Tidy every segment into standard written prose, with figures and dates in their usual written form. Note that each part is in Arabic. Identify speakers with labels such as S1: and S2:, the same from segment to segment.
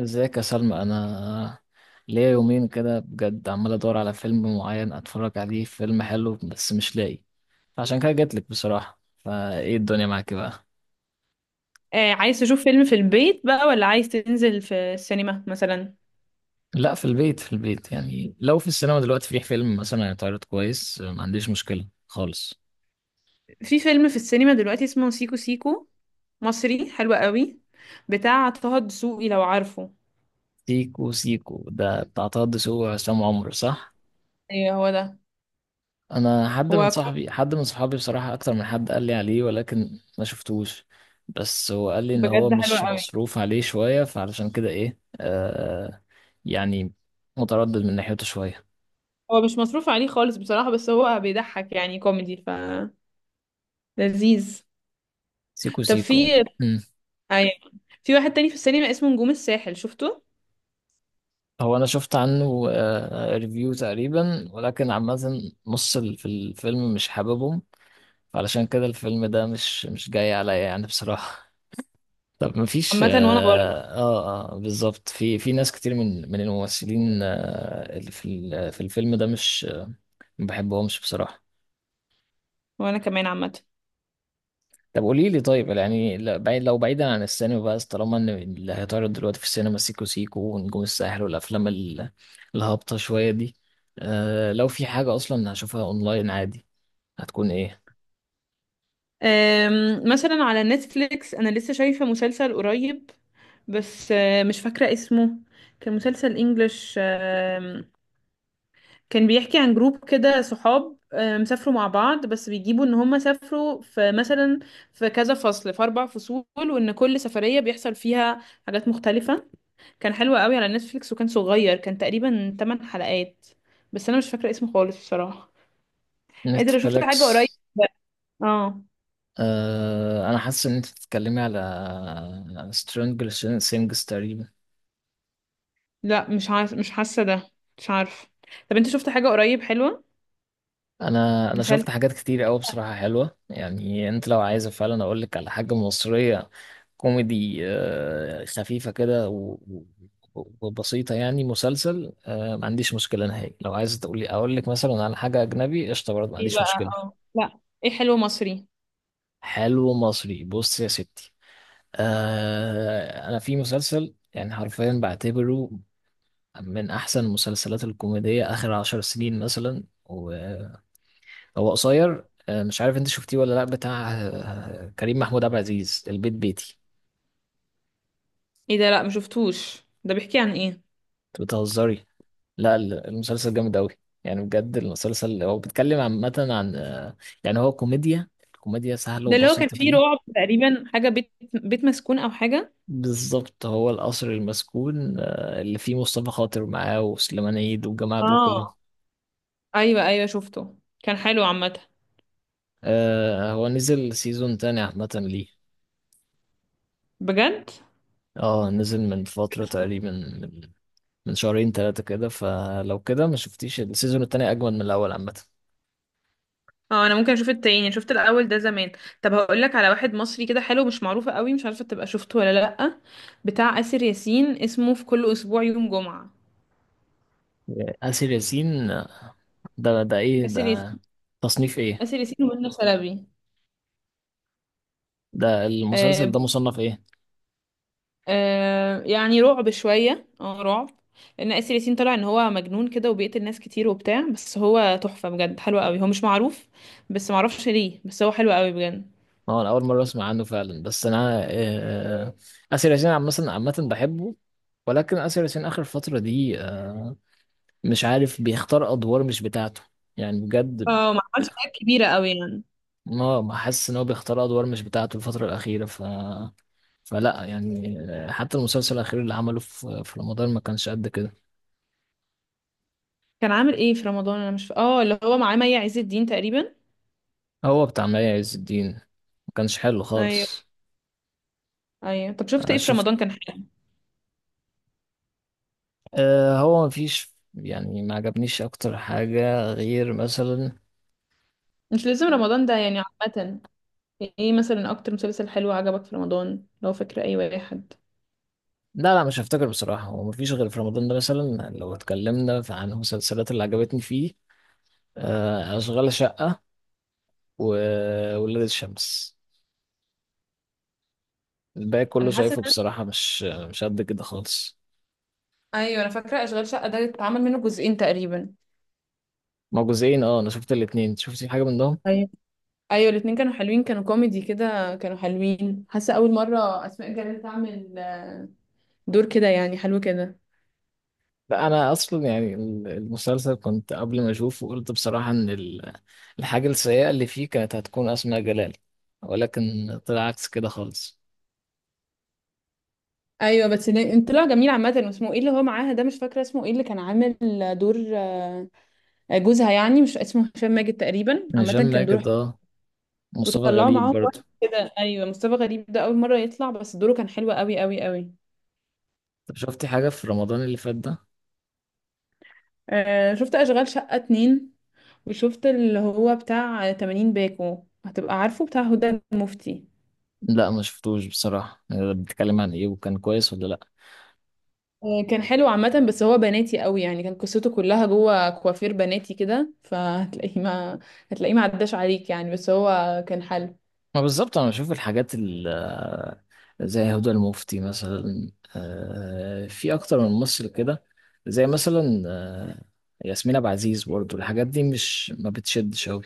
S1: ازيك يا سلمى؟ انا ليا يومين كده بجد عمال ادور على فيلم معين اتفرج عليه، فيلم حلو بس مش لاقي. عشان كده جاتلك بصراحة، فايه الدنيا معاك بقى؟
S2: آه، عايز تشوف فيلم في البيت بقى ولا عايز تنزل في السينما مثلا؟
S1: لا، في البيت في البيت. يعني لو في السينما دلوقتي في فيلم مثلا هيتعرض كويس ما عنديش مشكلة خالص.
S2: في فيلم في السينما دلوقتي اسمه سيكو سيكو، مصري حلو قوي، بتاع طه دسوقي لو عارفه.
S1: سيكو سيكو ده بتاع طه دسوقي وعصام عمر، صح؟
S2: ايوه هو ده.
S1: انا
S2: هو كو-
S1: حد من صحابي بصراحة، اكتر من حد قال لي عليه ولكن ما شفتوش. بس هو قال لي ان هو
S2: بجد حلو
S1: مش
S2: قوي.
S1: مصروف عليه شوية، فعلشان كده ايه يعني متردد من ناحيته شوية.
S2: هو مش مصروف عليه خالص بصراحة، بس هو بيضحك يعني كوميدي، ف لذيذ.
S1: سيكو
S2: طب
S1: سيكو يعني. مم.
S2: ايوه، في واحد تاني في السينما اسمه نجوم الساحل، شفته؟
S1: هو انا شفت عنه ريفيو تقريبا، ولكن عامة في الفيلم مش حاببهم. فعلشان كده الفيلم ده مش جاي عليا يعني بصراحة. طب ما فيش.
S2: عامة وانا برضه.
S1: بالظبط في ناس كتير من الممثلين اللي في الفيلم ده مش ما بحبهمش بصراحة.
S2: وانا كمان عامة.
S1: طب قولي لي، طيب يعني لا- بعيد لو بعيدا عن السينما بقى، طالما ان اللي هيتعرض دلوقتي في السينما سيكو سيكو ونجوم الساحل والافلام الهابطة شوية دي. لو في حاجة اصلا هشوفها اونلاين عادي، هتكون ايه؟
S2: مثلا على نتفليكس انا لسه شايفة مسلسل قريب، بس مش فاكرة اسمه. كان مسلسل انجلش. كان بيحكي عن جروب كده صحاب سافروا مع بعض، بس بيجيبوا ان هم سافروا في مثلا في كذا فصل، في اربع فصول، وان كل سفرية بيحصل فيها حاجات مختلفة. كان حلو قوي على نتفليكس، وكان صغير، كان تقريبا 8 حلقات. بس انا مش فاكرة اسمه خالص بصراحة. انت لو شفت حاجة
S1: نتفليكس.
S2: قريب؟ اه،
S1: انا حاسس ان انت بتتكلمي على سترينجر سينجز تقريبا.
S2: لا مش عارف، مش حاسة ده. مش عارف. طب انت شفت حاجة قريب حلوة؟
S1: انا
S2: مسلسل.
S1: شفت حاجات كتير قوي بصراحه حلوه. يعني انت لو عايزه فعلا اقول لك على حاجه مصريه كوميدي، خفيفه كده وبسيطه، يعني مسلسل، ما عنديش مشكله نهائي. لو عايزه تقولي اقول لك مثلا على حاجه اجنبي قشطه برضه ما
S2: ايه
S1: عنديش
S2: بقى؟
S1: مشكله.
S2: اه لا، ايه، حلو مصري.
S1: حلو مصري، بص يا ستي. انا في مسلسل يعني حرفيا بعتبره من احسن المسلسلات الكوميديه اخر 10 سنين مثلا. هو قصير، مش عارف انت شفتيه ولا لا. بتاع كريم محمود عبد العزيز، البيت بيتي.
S2: ايه ده؟ لا ما شفتوش، ده بيحكي عن ايه؟
S1: انت بتهزري؟ لا، المسلسل جامد قوي. يعني بجد، المسلسل هو بيتكلم عامة عن يعني هو كوميديا. كوميديا سهلة
S2: ده اللي هو كان
S1: وبسيطة
S2: فيه
S1: فيه.
S2: رعب تقريبا، حاجه بيت مسكون او حاجه.
S1: بالظبط، هو القصر المسكون اللي فيه مصطفى خاطر معاه وسليمان عيد والجماعة دول كلهم.
S2: اه، ايوه ايوه شفته. كان حلو عامه.
S1: هو نزل سيزون تاني عامة. ليه؟
S2: بجد.
S1: اه نزل من فترة، تقريبا من شهرين ثلاثة كده. فلو كده ما شفتيش السيزون التاني، أجمل من الأول عامة.
S2: اه، انا ممكن اشوف التاني، شفت الاول ده زمان. طب هقول لك على واحد مصري كده حلو، مش معروفه قوي، مش عارفه تبقى شفته ولا لا. بتاع آسر ياسين، اسمه في كل اسبوع يوم جمعه.
S1: آسر ياسين، ده إيه
S2: آسر
S1: ده؟
S2: ياسين.
S1: تصنيف إيه؟
S2: آسر ياسين ومنى شلبي.
S1: ده
S2: آه.
S1: المسلسل ده مصنف إيه؟
S2: آه يعني رعب شوية، رعب، لأن آسر ياسين طلع إن هو مجنون كده وبيقتل ناس كتير وبتاع، بس هو تحفة بجد، حلو قوي، هو مش معروف، بس معرفش ليه، بس هو حلو قوي بجد.
S1: هو أنا أول مرة أسمع عنه فعلا، بس أنا آه، آسر ياسين عامة عامة بحبه. ولكن آسر ياسين آخر فترة دي مش عارف، بيختار أدوار مش بتاعته يعني بجد.
S2: اه، ما عملش حاجات كبيرة قوي يعني.
S1: ما حاسس إن هو بيختار أدوار مش بتاعته الفترة الأخيرة. فلا يعني حتى المسلسل الأخير اللي عمله في رمضان ما كانش قد كده.
S2: كان عامل ايه في رمضان؟ أنا مش ف... اه، اللي هو معاه مي عز الدين تقريبا.
S1: هو بتاع مي عز الدين، ما كانش حلو
S2: أيوه
S1: خالص.
S2: أيوه، طب شفت
S1: انا
S2: ايه في
S1: شفت،
S2: رمضان كان حلو؟
S1: هو مفيش يعني ما عجبنيش اكتر حاجة غير مثلا.
S2: مش لازم رمضان ده يعني، عامة ايه مثلا أكتر مسلسل حلو عجبك في رمضان لو فاكرة أي واحد؟
S1: لا، لا، مش هفتكر بصراحة. هو مفيش غير في رمضان ده، مثلا لو اتكلمنا عن المسلسلات اللي عجبتني فيه، أشغال شقة وولاد الشمس. الباقي كله
S2: أنا حاسة
S1: شايفه
S2: إن أنا-
S1: بصراحة مش قد كده خالص.
S2: أيوه أنا فاكرة أشغال شقة، ده اتعمل منه جزئين تقريبا.
S1: ما هو جزئين. اه انا شفت الاتنين، شفتي حاجة منهم؟
S2: ايوه ايوه، الاتنين كانوا حلوين، كانوا كوميدي كده، كانوا حلوين، حاسه اول مره اسماء جلال تعمل دور كده، يعني حلو كده.
S1: لا، انا اصلا يعني المسلسل، كنت قبل ما اشوفه قلت بصراحه ان الحاجه السيئه اللي فيه كانت هتكون اسماء جلال، ولكن طلع عكس كده خالص.
S2: ايوه، بس طلع جميل عامه. واسمه ايه اللي هو معاها ده؟ مش فاكره اسمه ايه، اللي كان عامل دور جوزها يعني، مش اسمه هشام ماجد تقريبا،
S1: يعني
S2: عامه
S1: هشام
S2: كان دوره
S1: ماجد،
S2: حلو.
S1: مصطفى
S2: وطلعوا
S1: غريب
S2: معاهم
S1: برضه.
S2: واحد كده، ايوه، مصطفى غريب ده، اول مره يطلع، بس دوره كان حلو قوي قوي قوي.
S1: طب شفتي حاجه في رمضان اللي فات ده؟
S2: آه، شفت اشغال شقه اتنين، وشفت اللي هو بتاع 80 باكو، هتبقى عارفه، بتاع هدى المفتي.
S1: لا، ما شفتوش بصراحه. يعني ده بيتكلم عن ايه؟ وكان كويس ولا لا؟
S2: كان حلو عامة، بس هو بناتي قوي يعني، كان قصته كلها جوه كوافير بناتي كده، فهتلاقيه ما هتلاقيه ما عداش عليك يعني، بس هو كان حلو.
S1: ما بالظبط، انا بشوف الحاجات زي هدى المفتي مثلا، في اكتر من ممثل كده زي مثلا ياسمين عبد العزيز، برضو الحاجات دي مش ما بتشدش قوي.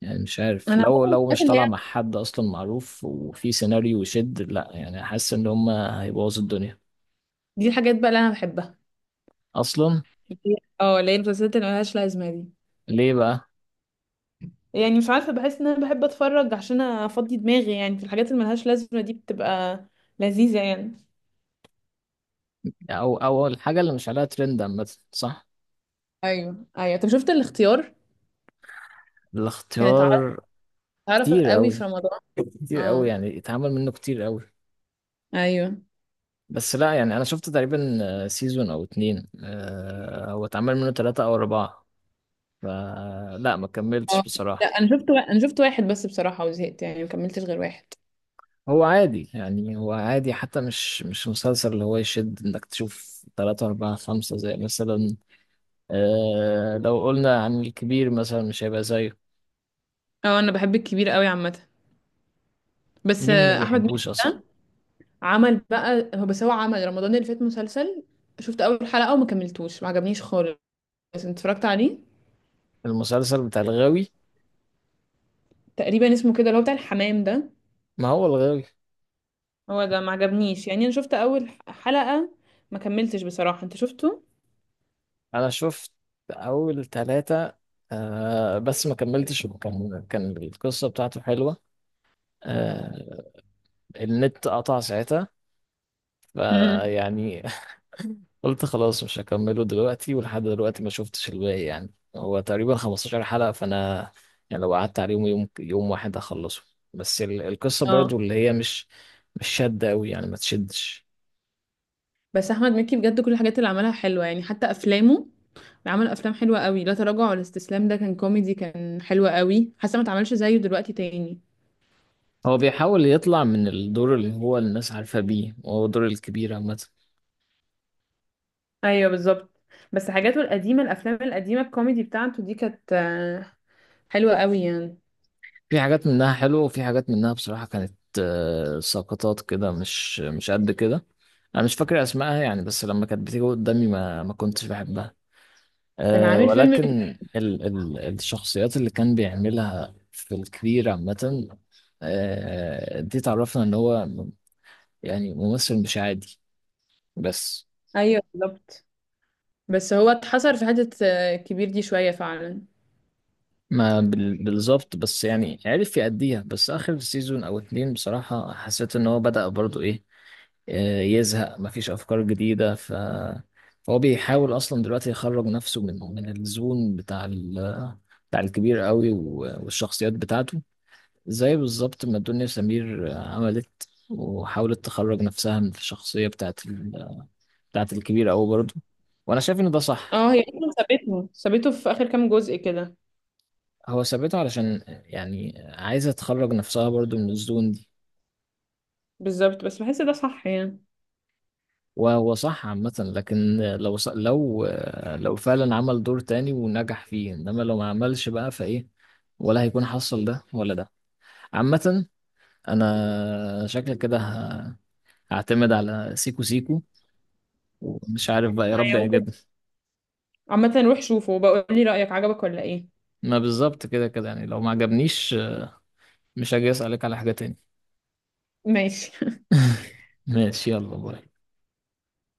S1: يعني مش
S2: انا
S1: عارف، لو
S2: عامة،
S1: لو
S2: الحاجات
S1: مش
S2: اللي
S1: طالع مع
S2: هي
S1: حد اصلا معروف وفي سيناريو يشد، لا يعني حاسس ان هم هيبوظوا الدنيا
S2: دي، الحاجات بقى اللي انا بحبها.
S1: اصلا.
S2: اه، اللي هي المسلسلات اللي ملهاش لازمة دي.
S1: ليه بقى؟
S2: يعني مش عارفة، بحس ان انا بحب اتفرج عشان افضي دماغي، يعني في الحاجات اللي ملهاش لازمة دي بتبقى لذيذة يعني.
S1: او اول حاجه اللي مش عليها ترند عامه، صح؟
S2: ايوه ايوه، طب شفت الاختيار؟ كانت عارفة.
S1: الاختيار
S2: عارفة
S1: كتير
S2: قوي في
S1: قوي.
S2: رمضان.
S1: كتير قوي
S2: اه.
S1: يعني، اتعمل منه كتير قوي.
S2: ايوه.
S1: بس لا يعني، انا شفت تقريبا سيزون او اتنين، هو اتعمل منه تلاتة او اربعة. فلا، ما كملتش
S2: اه لا،
S1: بصراحة.
S2: انا شفت انا شفت واحد بس بصراحة، وزهقت يعني، ما كملتش غير واحد.
S1: هو عادي يعني، هو عادي. حتى مش مسلسل اللي هو يشد انك تشوف تلاتة اربعة خمسة، زي مثلا لو قلنا عن الكبير مثلا مش هيبقى زيه.
S2: اه، انا بحب الكبير قوي عامه. بس
S1: مين ما
S2: احمد مكي
S1: بيحبوش اصلا؟
S2: ده، عمل بقى، هو بس هو عمل رمضان اللي فات مسلسل، شفت اول حلقه وما كملتوش، ما عجبنيش خالص. انت اتفرجت عليه؟
S1: المسلسل بتاع الغاوي؟
S2: تقريبا اسمه كده، اللي هو بتاع الحمام ده.
S1: ما هو الغاوي.
S2: هو ده، ما عجبنيش يعني، انا شفت اول حلقه ما كملتش بصراحه. انت شفته؟
S1: انا شفت اول تلاتة، بس ما كملتش. كان القصة بتاعته حلوة، آه، النت قطع ساعتها
S2: امم.
S1: فيعني قلت خلاص مش هكمله دلوقتي، ولحد دلوقتي ما شفتش الباقي. يعني هو تقريبا 15 حلقة، فأنا يعني لو قعدت عليهم يوم يوم واحد هخلصه. بس القصة
S2: اه،
S1: برضو اللي هي مش شادة أوي، يعني ما تشدش.
S2: بس احمد مكي بجد كل الحاجات اللي عملها حلوه يعني، حتى افلامه. عمل افلام حلوه قوي، لا تراجع ولا استسلام ده كان كوميدي، كان حلو قوي، حاسه ما اتعملش زيه دلوقتي تاني.
S1: هو بيحاول يطلع من الدور اللي هو الناس عارفة بيه، وهو دور الكبير عامة.
S2: ايوه بالظبط. بس حاجاته القديمه، الافلام القديمه الكوميدي بتاعته دي كانت حلوه قوي يعني.
S1: في حاجات منها حلوة، وفي حاجات منها بصراحة كانت سقطات كده، مش قد كده. انا مش فاكر اسمائها يعني، بس لما كانت بتيجي قدامي ما كنتش بحبها.
S2: كان عامل فيلم ك-
S1: ولكن ال ال الشخصيات اللي كان بيعملها في الكبير عامة، دي تعرفنا ان هو يعني ممثل مش عادي. بس
S2: ايوه بالظبط. بس هو اتحصر في حته كبير دي شويه فعلا.
S1: ما بالظبط، بس يعني عرف يأديها. بس آخر سيزون أو اتنين، بصراحة حسيت ان هو بدأ برضو ايه، يزهق، مفيش أفكار جديدة. فهو بيحاول أصلا دلوقتي يخرج نفسه من الزون بتاع بتاع الكبير قوي، والشخصيات بتاعته. زي بالظبط ما دنيا سمير عملت وحاولت تخرج نفسها من الشخصية بتاعت الكبير أوي برضه، وأنا شايف إن ده صح.
S2: اه، هي اصلا سابته في اخر كام جزء كده.
S1: هو ثابته علشان يعني عايزة تخرج نفسها برضه من الزون دي.
S2: بالظبط، بس بحس ده صح يعني.
S1: وهو صح عامة، لكن لو ص... لو آه، لو فعلا عمل دور تاني ونجح فيه، إنما لو ما عملش بقى، فإيه؟ ولا هيكون حصل ده، ولا ده. عامة، أنا شكلك كده هعتمد على سيكو سيكو، ومش عارف بقى، يا رب
S2: ايوه ممكن.
S1: يعجبني.
S2: عامه روح شوفه وبقول لي رايك، عجبك ولا ايه؟
S1: ما بالظبط، كده كده يعني لو ما عجبنيش مش هاجي اسالك على حاجه تاني.
S2: ماشي.
S1: ماشي، يلا باي.